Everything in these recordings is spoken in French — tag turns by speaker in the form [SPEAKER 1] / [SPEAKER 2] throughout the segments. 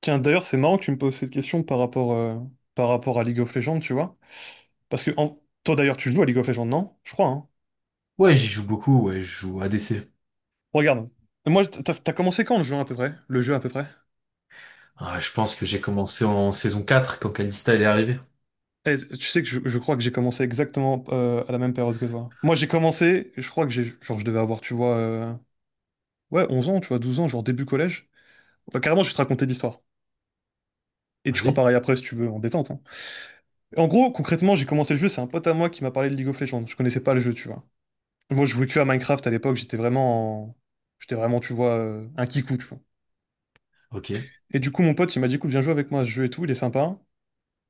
[SPEAKER 1] Tiens, d'ailleurs, c'est marrant que tu me poses cette question par rapport à League of Legends, tu vois. Parce que toi, d'ailleurs, tu joues à League of Legends, non? Je crois, hein.
[SPEAKER 2] Ouais, j'y joue beaucoup, ouais, je joue ADC.
[SPEAKER 1] Regarde. Moi, t'as commencé quand le jeu à peu près? Le jeu à peu près?
[SPEAKER 2] Ah, je pense que j'ai commencé en saison 4 quand Kalista elle est arrivée.
[SPEAKER 1] Eh, tu sais que je crois que j'ai commencé exactement à la même période que toi. Moi, j'ai commencé, je crois que j'ai, genre, je devais avoir, tu vois, ouais, 11 ans, tu vois, 12 ans, genre début collège. Enfin, carrément, je vais te raconter l'histoire. Et tu feras
[SPEAKER 2] Vas-y.
[SPEAKER 1] pareil après si tu veux, en détente, hein. En gros, concrètement, j'ai commencé le jeu, c'est un pote à moi qui m'a parlé de League of Legends. Je connaissais pas le jeu, tu vois. Moi, je jouais que à Minecraft à l'époque, j'étais vraiment, tu vois, un kikou, tu vois.
[SPEAKER 2] Ok.
[SPEAKER 1] Et du coup, mon pote, il m'a dit, écoute, viens jouer avec moi à ce jeu et tout, il est sympa.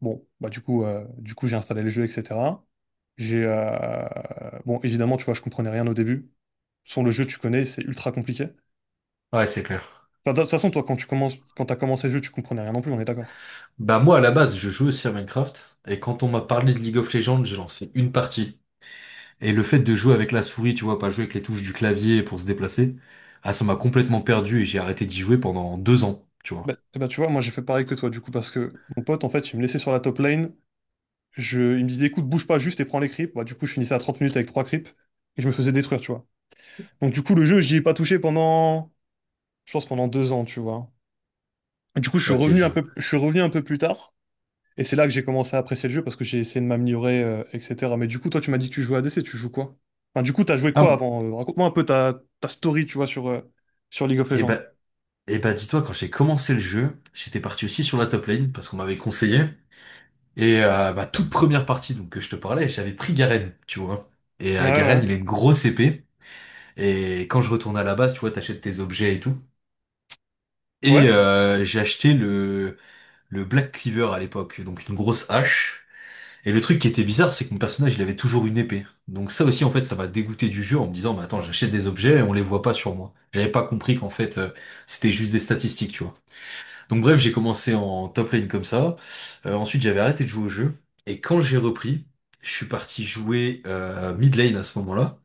[SPEAKER 1] Bon, bah du coup, j'ai installé le jeu, etc. J'ai, euh, bon, évidemment, tu vois, je comprenais rien au début. Sans le jeu, tu connais, c'est ultra compliqué.
[SPEAKER 2] Ouais, c'est clair.
[SPEAKER 1] Enfin, de toute façon, toi, quand tu commences, quand t'as commencé le jeu, tu comprenais rien non plus, on est d'accord.
[SPEAKER 2] Bah moi à la base, je joue aussi à Minecraft, et quand on m'a parlé de League of Legends, j'ai lancé une partie. Et le fait de jouer avec la souris, tu vois, pas jouer avec les touches du clavier pour se déplacer, ah ça m'a complètement perdu et j'ai arrêté d'y jouer pendant deux ans, tu vois.
[SPEAKER 1] Bah, eh ben, tu vois, moi, j'ai fait pareil que toi, du coup, parce que mon pote, en fait, il me laissait sur la top lane. Il me disait, écoute, bouge pas juste et prends les creeps. Bah, du coup, je finissais à 30 minutes avec trois creeps et je me faisais détruire, tu vois. Donc du coup, le jeu, j'y ai pas touché je pense pendant 2 ans, tu vois. Et du coup,
[SPEAKER 2] Ok, je vois.
[SPEAKER 1] je suis revenu un peu plus tard, et c'est là que j'ai commencé à apprécier le jeu parce que j'ai essayé de m'améliorer, etc. Mais du coup, toi, tu m'as dit que tu jouais à DC, tu joues quoi? Enfin, du coup, t'as joué
[SPEAKER 2] Ah,
[SPEAKER 1] quoi
[SPEAKER 2] bon.
[SPEAKER 1] avant? Raconte-moi un peu ta story, tu vois, sur League of
[SPEAKER 2] et
[SPEAKER 1] Legends.
[SPEAKER 2] bah, et bah dis-toi, quand j'ai commencé le jeu, j'étais parti aussi sur la top lane parce qu'on m'avait conseillé. Et ma toute première partie donc que je te parlais, j'avais pris Garen, tu vois. Et
[SPEAKER 1] Ouais,
[SPEAKER 2] Garen,
[SPEAKER 1] ouais,
[SPEAKER 2] il a une grosse épée. Et quand je retourne à la base, tu vois, t'achètes tes objets et tout. Et
[SPEAKER 1] ouais,
[SPEAKER 2] j'ai acheté le Black Cleaver à l'époque, donc une grosse hache. Et le truc qui était bizarre, c'est que mon personnage, il avait toujours une épée. Donc ça aussi, en fait, ça m'a dégoûté du jeu en me disant, mais attends, j'achète des objets et on les voit pas sur moi. J'avais pas compris qu'en fait, c'était juste des statistiques, tu vois. Donc bref, j'ai commencé en top lane comme ça. Ensuite, j'avais arrêté de jouer au jeu. Et quand j'ai repris, je suis parti jouer mid lane à ce moment-là.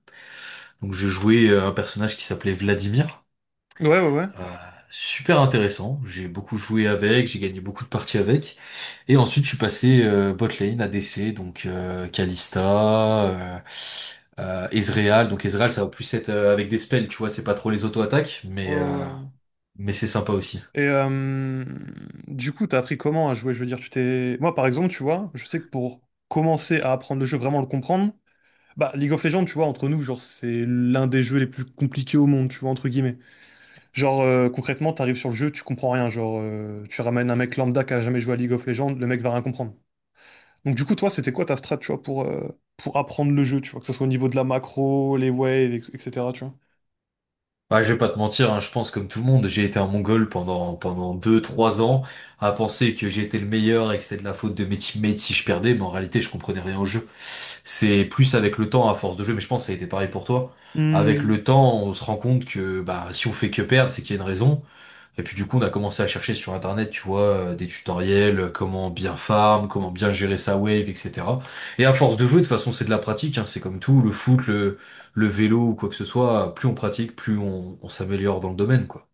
[SPEAKER 2] Donc je jouais un personnage qui s'appelait Vladimir.
[SPEAKER 1] ouais, ouais, ouais.
[SPEAKER 2] Euh, super intéressant. J'ai beaucoup joué avec, j'ai gagné beaucoup de parties avec. Et ensuite, je suis passé bot lane, ADC, donc Kalista, Ezreal. Donc Ezreal, ça va plus être avec des spells, tu vois, c'est pas trop les auto-attaques,
[SPEAKER 1] Ouais, ouais, ouais.
[SPEAKER 2] mais c'est sympa aussi.
[SPEAKER 1] Et du coup, t'as appris comment à jouer? Je veux dire, moi, par exemple, tu vois, je sais que pour commencer à apprendre le jeu, vraiment le comprendre. Bah, League of Legends, tu vois, entre nous, genre, c'est l'un des jeux les plus compliqués au monde, tu vois, entre guillemets. Genre, concrètement, t'arrives sur le jeu, tu comprends rien. Genre, tu ramènes un mec lambda qui a jamais joué à League of Legends, le mec va rien comprendre. Donc, du coup, toi, c'était quoi ta strat, tu vois, pour apprendre le jeu, tu vois, que ce soit au niveau de la macro, les waves, etc., tu vois.
[SPEAKER 2] Bah, je vais pas te mentir, hein, je pense comme tout le monde, j'ai été un Mongol pendant deux trois ans à penser que j'étais le meilleur et que c'était de la faute de mes teammates si je perdais, mais en réalité je comprenais rien au jeu. C'est plus avec le temps, à force de jeu, mais je pense que ça a été pareil pour toi. Avec
[SPEAKER 1] Hmm.
[SPEAKER 2] le temps, on se rend compte que bah si on fait que perdre, c'est qu'il y a une raison. Et puis du coup, on a commencé à chercher sur Internet, tu vois, des tutoriels, comment bien farm, comment bien gérer sa wave, etc. Et à force de jouer, de toute façon, c'est de la pratique, hein, c'est comme tout, le foot, le vélo ou quoi que ce soit, plus on pratique, plus on s'améliore dans le domaine, quoi.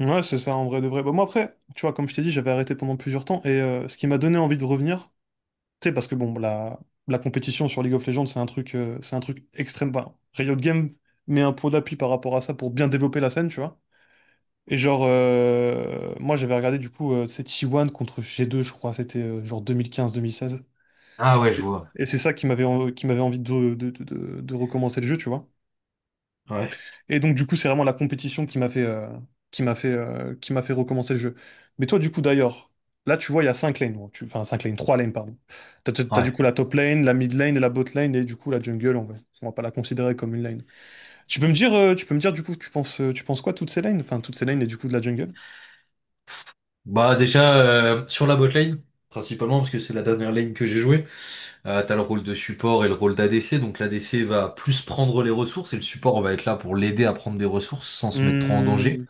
[SPEAKER 1] Ouais, c'est ça, en vrai de vrai. Bah, moi, après, tu vois, comme je t'ai dit, j'avais arrêté pendant plusieurs temps, et ce qui m'a donné envie de revenir, tu sais, parce que bon, la compétition sur League of Legends, c'est un truc extrême. Enfin, Riot Games met un pot d'appui par rapport à ça pour bien développer la scène, tu vois. Et genre, moi j'avais regardé du coup, c'est T1 contre G2, je crois, c'était genre 2015-2016.
[SPEAKER 2] Ah ouais, je
[SPEAKER 1] C'est-
[SPEAKER 2] vois.
[SPEAKER 1] Et c'est ça qui m'avait qui m'avait envie de recommencer le jeu, tu vois.
[SPEAKER 2] Ouais.
[SPEAKER 1] Et donc, du coup, c'est vraiment la compétition qui m'a fait recommencer le jeu. Mais toi, du coup, d'ailleurs, là, tu vois, il y a 5 lanes. Bon, enfin, 5 lanes, 3 lanes, pardon. T'as du
[SPEAKER 2] Ouais.
[SPEAKER 1] coup la top lane, la mid lane, et la bot lane, et du coup, la jungle, on va pas la considérer comme une lane. Tu peux me dire, tu peux me dire, du coup, tu penses quoi, toutes ces lanes? Enfin, toutes ces lanes, et du coup, de la jungle?
[SPEAKER 2] Bah déjà, sur la botlane, principalement, parce que c'est la dernière lane que j'ai jouée, t'as le rôle de support et le rôle d'ADC, donc l'ADC va plus prendre les ressources, et le support va être là pour l'aider à prendre des ressources sans se mettre trop en danger.
[SPEAKER 1] Hmm,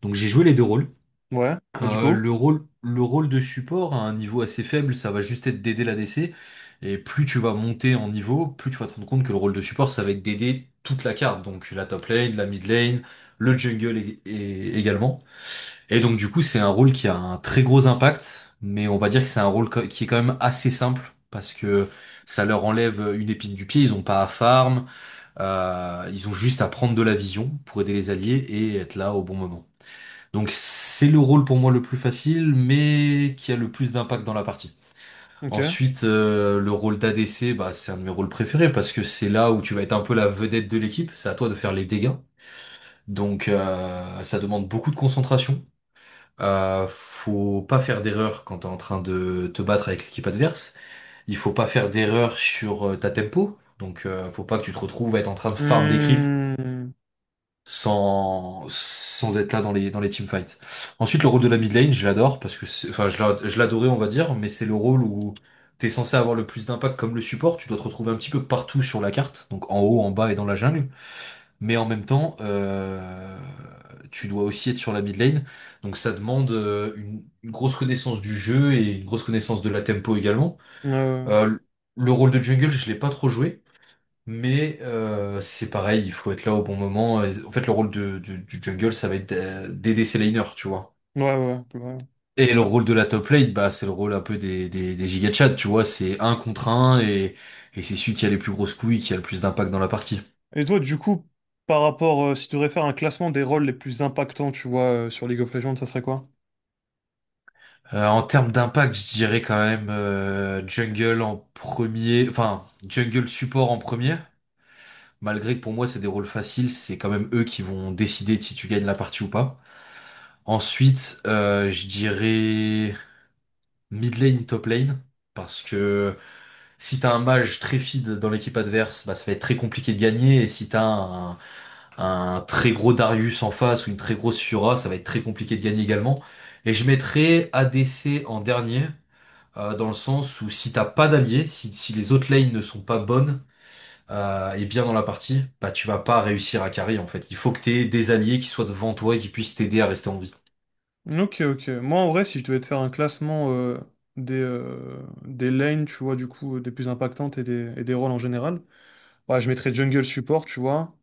[SPEAKER 2] Donc j'ai joué les deux rôles.
[SPEAKER 1] ouais. Et du
[SPEAKER 2] Euh,
[SPEAKER 1] coup?
[SPEAKER 2] le rôle, le rôle de support à un niveau assez faible, ça va juste être d'aider la l'ADC. Et plus tu vas monter en niveau, plus tu vas te rendre compte que le rôle de support, ça va être d'aider toute la carte. Donc la top lane, la mid lane, le jungle également. Et donc du coup, c'est un rôle qui a un très gros impact, mais on va dire que c'est un qui est quand même assez simple. Parce que ça leur enlève une épine du pied, ils ont pas à farm, ils ont juste à prendre de la vision pour aider les alliés et être là au bon moment. Donc c'est le rôle pour moi le plus facile, mais qui a le plus d'impact dans la partie.
[SPEAKER 1] Ok.
[SPEAKER 2] Ensuite, le rôle d'ADC, bah, c'est un de mes rôles préférés parce que c'est là où tu vas être un peu la vedette de l'équipe. C'est à toi de faire les dégâts. Donc ça demande beaucoup de concentration. Faut pas faire d'erreur quand t'es en train de te battre avec l'équipe adverse. Il faut pas faire d'erreur sur ta tempo. Donc faut pas que tu te retrouves à être en train de farm des creeps
[SPEAKER 1] Hmm,
[SPEAKER 2] sans être là dans les teamfights. Ensuite, le rôle de la mid lane, je l'adore parce que je l'adorais on va dire, mais c'est le rôle où t'es censé avoir le plus d'impact comme le support, tu dois te retrouver un petit peu partout sur la carte, donc en haut, en bas et dans la jungle, mais en même temps tu dois aussi être sur la mid lane, donc ça demande une grosse connaissance du jeu et une grosse connaissance de la tempo également.
[SPEAKER 1] euh,
[SPEAKER 2] Euh, le rôle de jungle, je l'ai pas trop joué. Mais c'est pareil, il faut être là au bon moment. Et en fait, le du jungle, ça va être d'aider ses laners, tu vois.
[SPEAKER 1] ouais, ouais, ouais. Ouais.
[SPEAKER 2] Et le
[SPEAKER 1] Clairement.
[SPEAKER 2] rôle de la top lane, bah, c'est le rôle un peu des giga chats, tu vois. C'est un contre un et c'est celui qui a les plus grosses couilles, qui a le plus d'impact dans la partie.
[SPEAKER 1] Et toi, du coup, si tu devrais faire un classement des rôles les plus impactants, tu vois, sur League of Legends, ça serait quoi?
[SPEAKER 2] En termes d'impact, je dirais quand même jungle en premier, enfin jungle support en premier. Malgré que pour moi c'est des rôles faciles, c'est quand même eux qui vont décider de si tu gagnes la partie ou pas. Ensuite, je dirais mid lane, top lane, parce que si t'as un mage très feed dans l'équipe adverse, bah, ça va être très compliqué de gagner, et si un très gros Darius en face ou une très grosse Fiora, ça va être très compliqué de gagner également. Et je mettrais ADC en dernier, dans le sens où si t'as pas d'alliés, si les autres lanes ne sont pas bonnes et bien dans la partie, bah tu vas pas réussir à carry en fait. Il faut que t'aies des alliés qui soient devant toi et qui puissent t'aider à rester en vie.
[SPEAKER 1] Ok, ok. Moi, en vrai, si je devais te faire un classement des lanes, tu vois, des plus impactantes et des rôles en général, ouais, je mettrais jungle support, tu vois.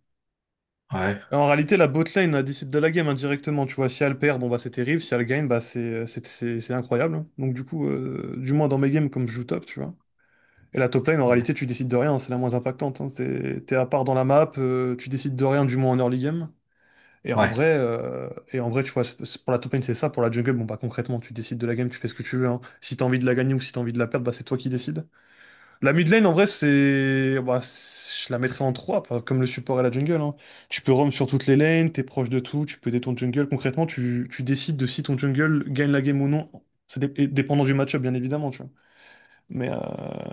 [SPEAKER 2] Ouais,
[SPEAKER 1] Et en réalité, la bot lane, elle décide de la game indirectement, tu vois. Si elle perd, bon, bah, c'est terrible. Si elle gagne, bah, c'est incroyable, hein. Donc, du coup, du moins dans mes games, comme je joue top, tu vois. Et la top lane, en
[SPEAKER 2] ouais,
[SPEAKER 1] réalité, tu décides de rien, c'est la moins impactante, hein. T'es à part dans la map, tu décides de rien, du moins en early game. Et en
[SPEAKER 2] ouais.
[SPEAKER 1] vrai, euh, et en vrai, tu vois, pour la top lane, c'est ça. Pour la jungle, bon, bah concrètement, tu décides de la game, tu fais ce que tu veux, hein. Si t'as envie de la gagner ou si t'as envie de la perdre, bah c'est toi qui décides. La mid lane, en vrai, c'est. Bah, je la mettrais en 3, comme le support et la jungle, hein. Tu peux roam sur toutes les lanes, t'es proche de tout, tu peux aider ton jungle. Concrètement, tu décides de si ton jungle gagne la game ou non. Et dépendant du match-up, bien évidemment, tu vois. Mais, euh,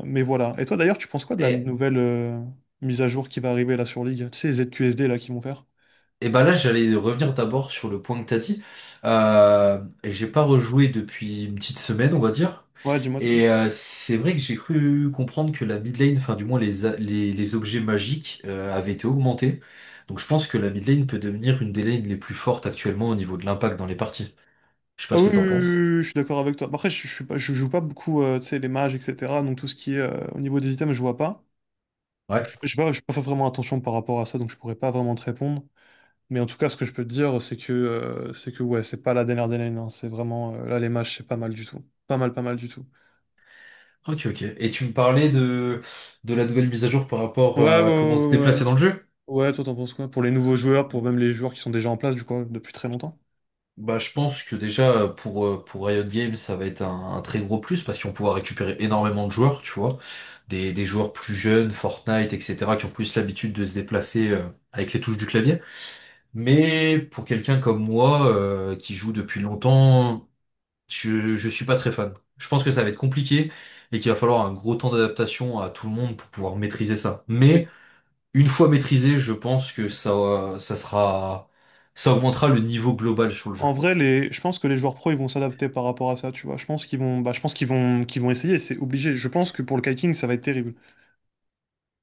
[SPEAKER 1] mais voilà. Et toi d'ailleurs, tu penses quoi de la
[SPEAKER 2] Et
[SPEAKER 1] nouvelle mise à jour qui va arriver là sur League? Tu sais, les ZQSD là qui vont faire?
[SPEAKER 2] et ben là, j'allais revenir d'abord sur le point que t'as dit. Et j'ai pas rejoué depuis une petite semaine, on va dire.
[SPEAKER 1] Ouais, dis-moi, dis-moi.
[SPEAKER 2] Et c'est vrai que j'ai cru comprendre que la mid lane, enfin du moins les, a- les, les objets magiques avaient été augmentés. Donc je pense que la mid lane peut devenir une des lanes les plus fortes actuellement au niveau de l'impact dans les parties. Je sais pas
[SPEAKER 1] Ah
[SPEAKER 2] ce
[SPEAKER 1] oui,
[SPEAKER 2] que
[SPEAKER 1] oui, oui,
[SPEAKER 2] t'en penses.
[SPEAKER 1] oui, oui, je suis d'accord avec toi. Bah, après, je joue pas beaucoup, tu sais, les mages, etc. Donc tout ce qui est au niveau des items, je vois pas. Donc
[SPEAKER 2] Ouais.
[SPEAKER 1] je sais pas, je peux pas vraiment attention par rapport à ça, donc je pourrais pas vraiment te répondre. Mais en tout cas, ce que je peux te dire, c'est que ouais, c'est pas la dernière des lanes, hein. C'est vraiment là les mages, c'est pas mal du tout. Pas mal, pas mal du tout.
[SPEAKER 2] Ok, ok. Et tu me parlais de la nouvelle mise à jour par rapport
[SPEAKER 1] Ouais, ouais, ouais,
[SPEAKER 2] à comment se
[SPEAKER 1] ouais.
[SPEAKER 2] déplacer
[SPEAKER 1] Ouais,
[SPEAKER 2] dans le jeu?
[SPEAKER 1] ouais, toi t'en penses quoi? Pour les nouveaux joueurs, pour même les joueurs qui sont déjà en place, du coup, depuis très longtemps?
[SPEAKER 2] Bah, je pense que déjà pour Riot Games, ça va être un très gros plus parce qu'ils vont pouvoir récupérer énormément de joueurs, tu vois. Des joueurs plus jeunes, Fortnite, etc., qui ont plus l'habitude de se déplacer avec les touches du clavier. Mais pour quelqu'un comme moi, qui joue depuis longtemps, je suis pas très fan. Je pense que ça va être compliqué et qu'il va falloir un gros temps d'adaptation à tout le monde pour pouvoir maîtriser ça.
[SPEAKER 1] Mais
[SPEAKER 2] Mais une fois maîtrisé, je pense que ça sera, ça augmentera le niveau global sur le
[SPEAKER 1] en
[SPEAKER 2] jeu.
[SPEAKER 1] vrai, je pense que les joueurs pro, ils vont s'adapter par rapport à ça, tu vois. Je pense qu'ils vont, qu'ils vont essayer, c'est obligé. Je pense que pour le kiting, ça va être terrible.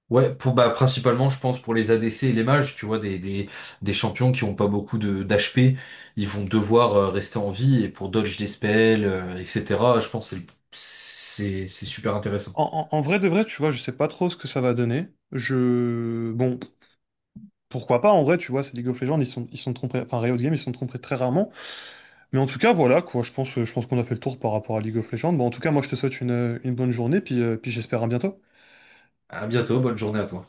[SPEAKER 2] Ouais, pour bah principalement je pense pour les ADC et les mages, tu vois, des champions qui ont pas beaucoup de d'HP, ils vont devoir rester en vie et pour dodge des spells, etc. Je pense que c'est super intéressant.
[SPEAKER 1] En vrai de vrai, tu vois, je sais pas trop ce que ça va donner. Bon, pourquoi pas, en vrai, tu vois, c'est League of Legends, ils sont trompés, enfin, Riot Games, ils sont trompés très rarement. Mais en tout cas, voilà, quoi, je pense qu'on a fait le tour par rapport à League of Legends. Bon, en tout cas, moi, je te souhaite une bonne journée, puis j'espère à bientôt.
[SPEAKER 2] À bientôt, bonne journée à toi.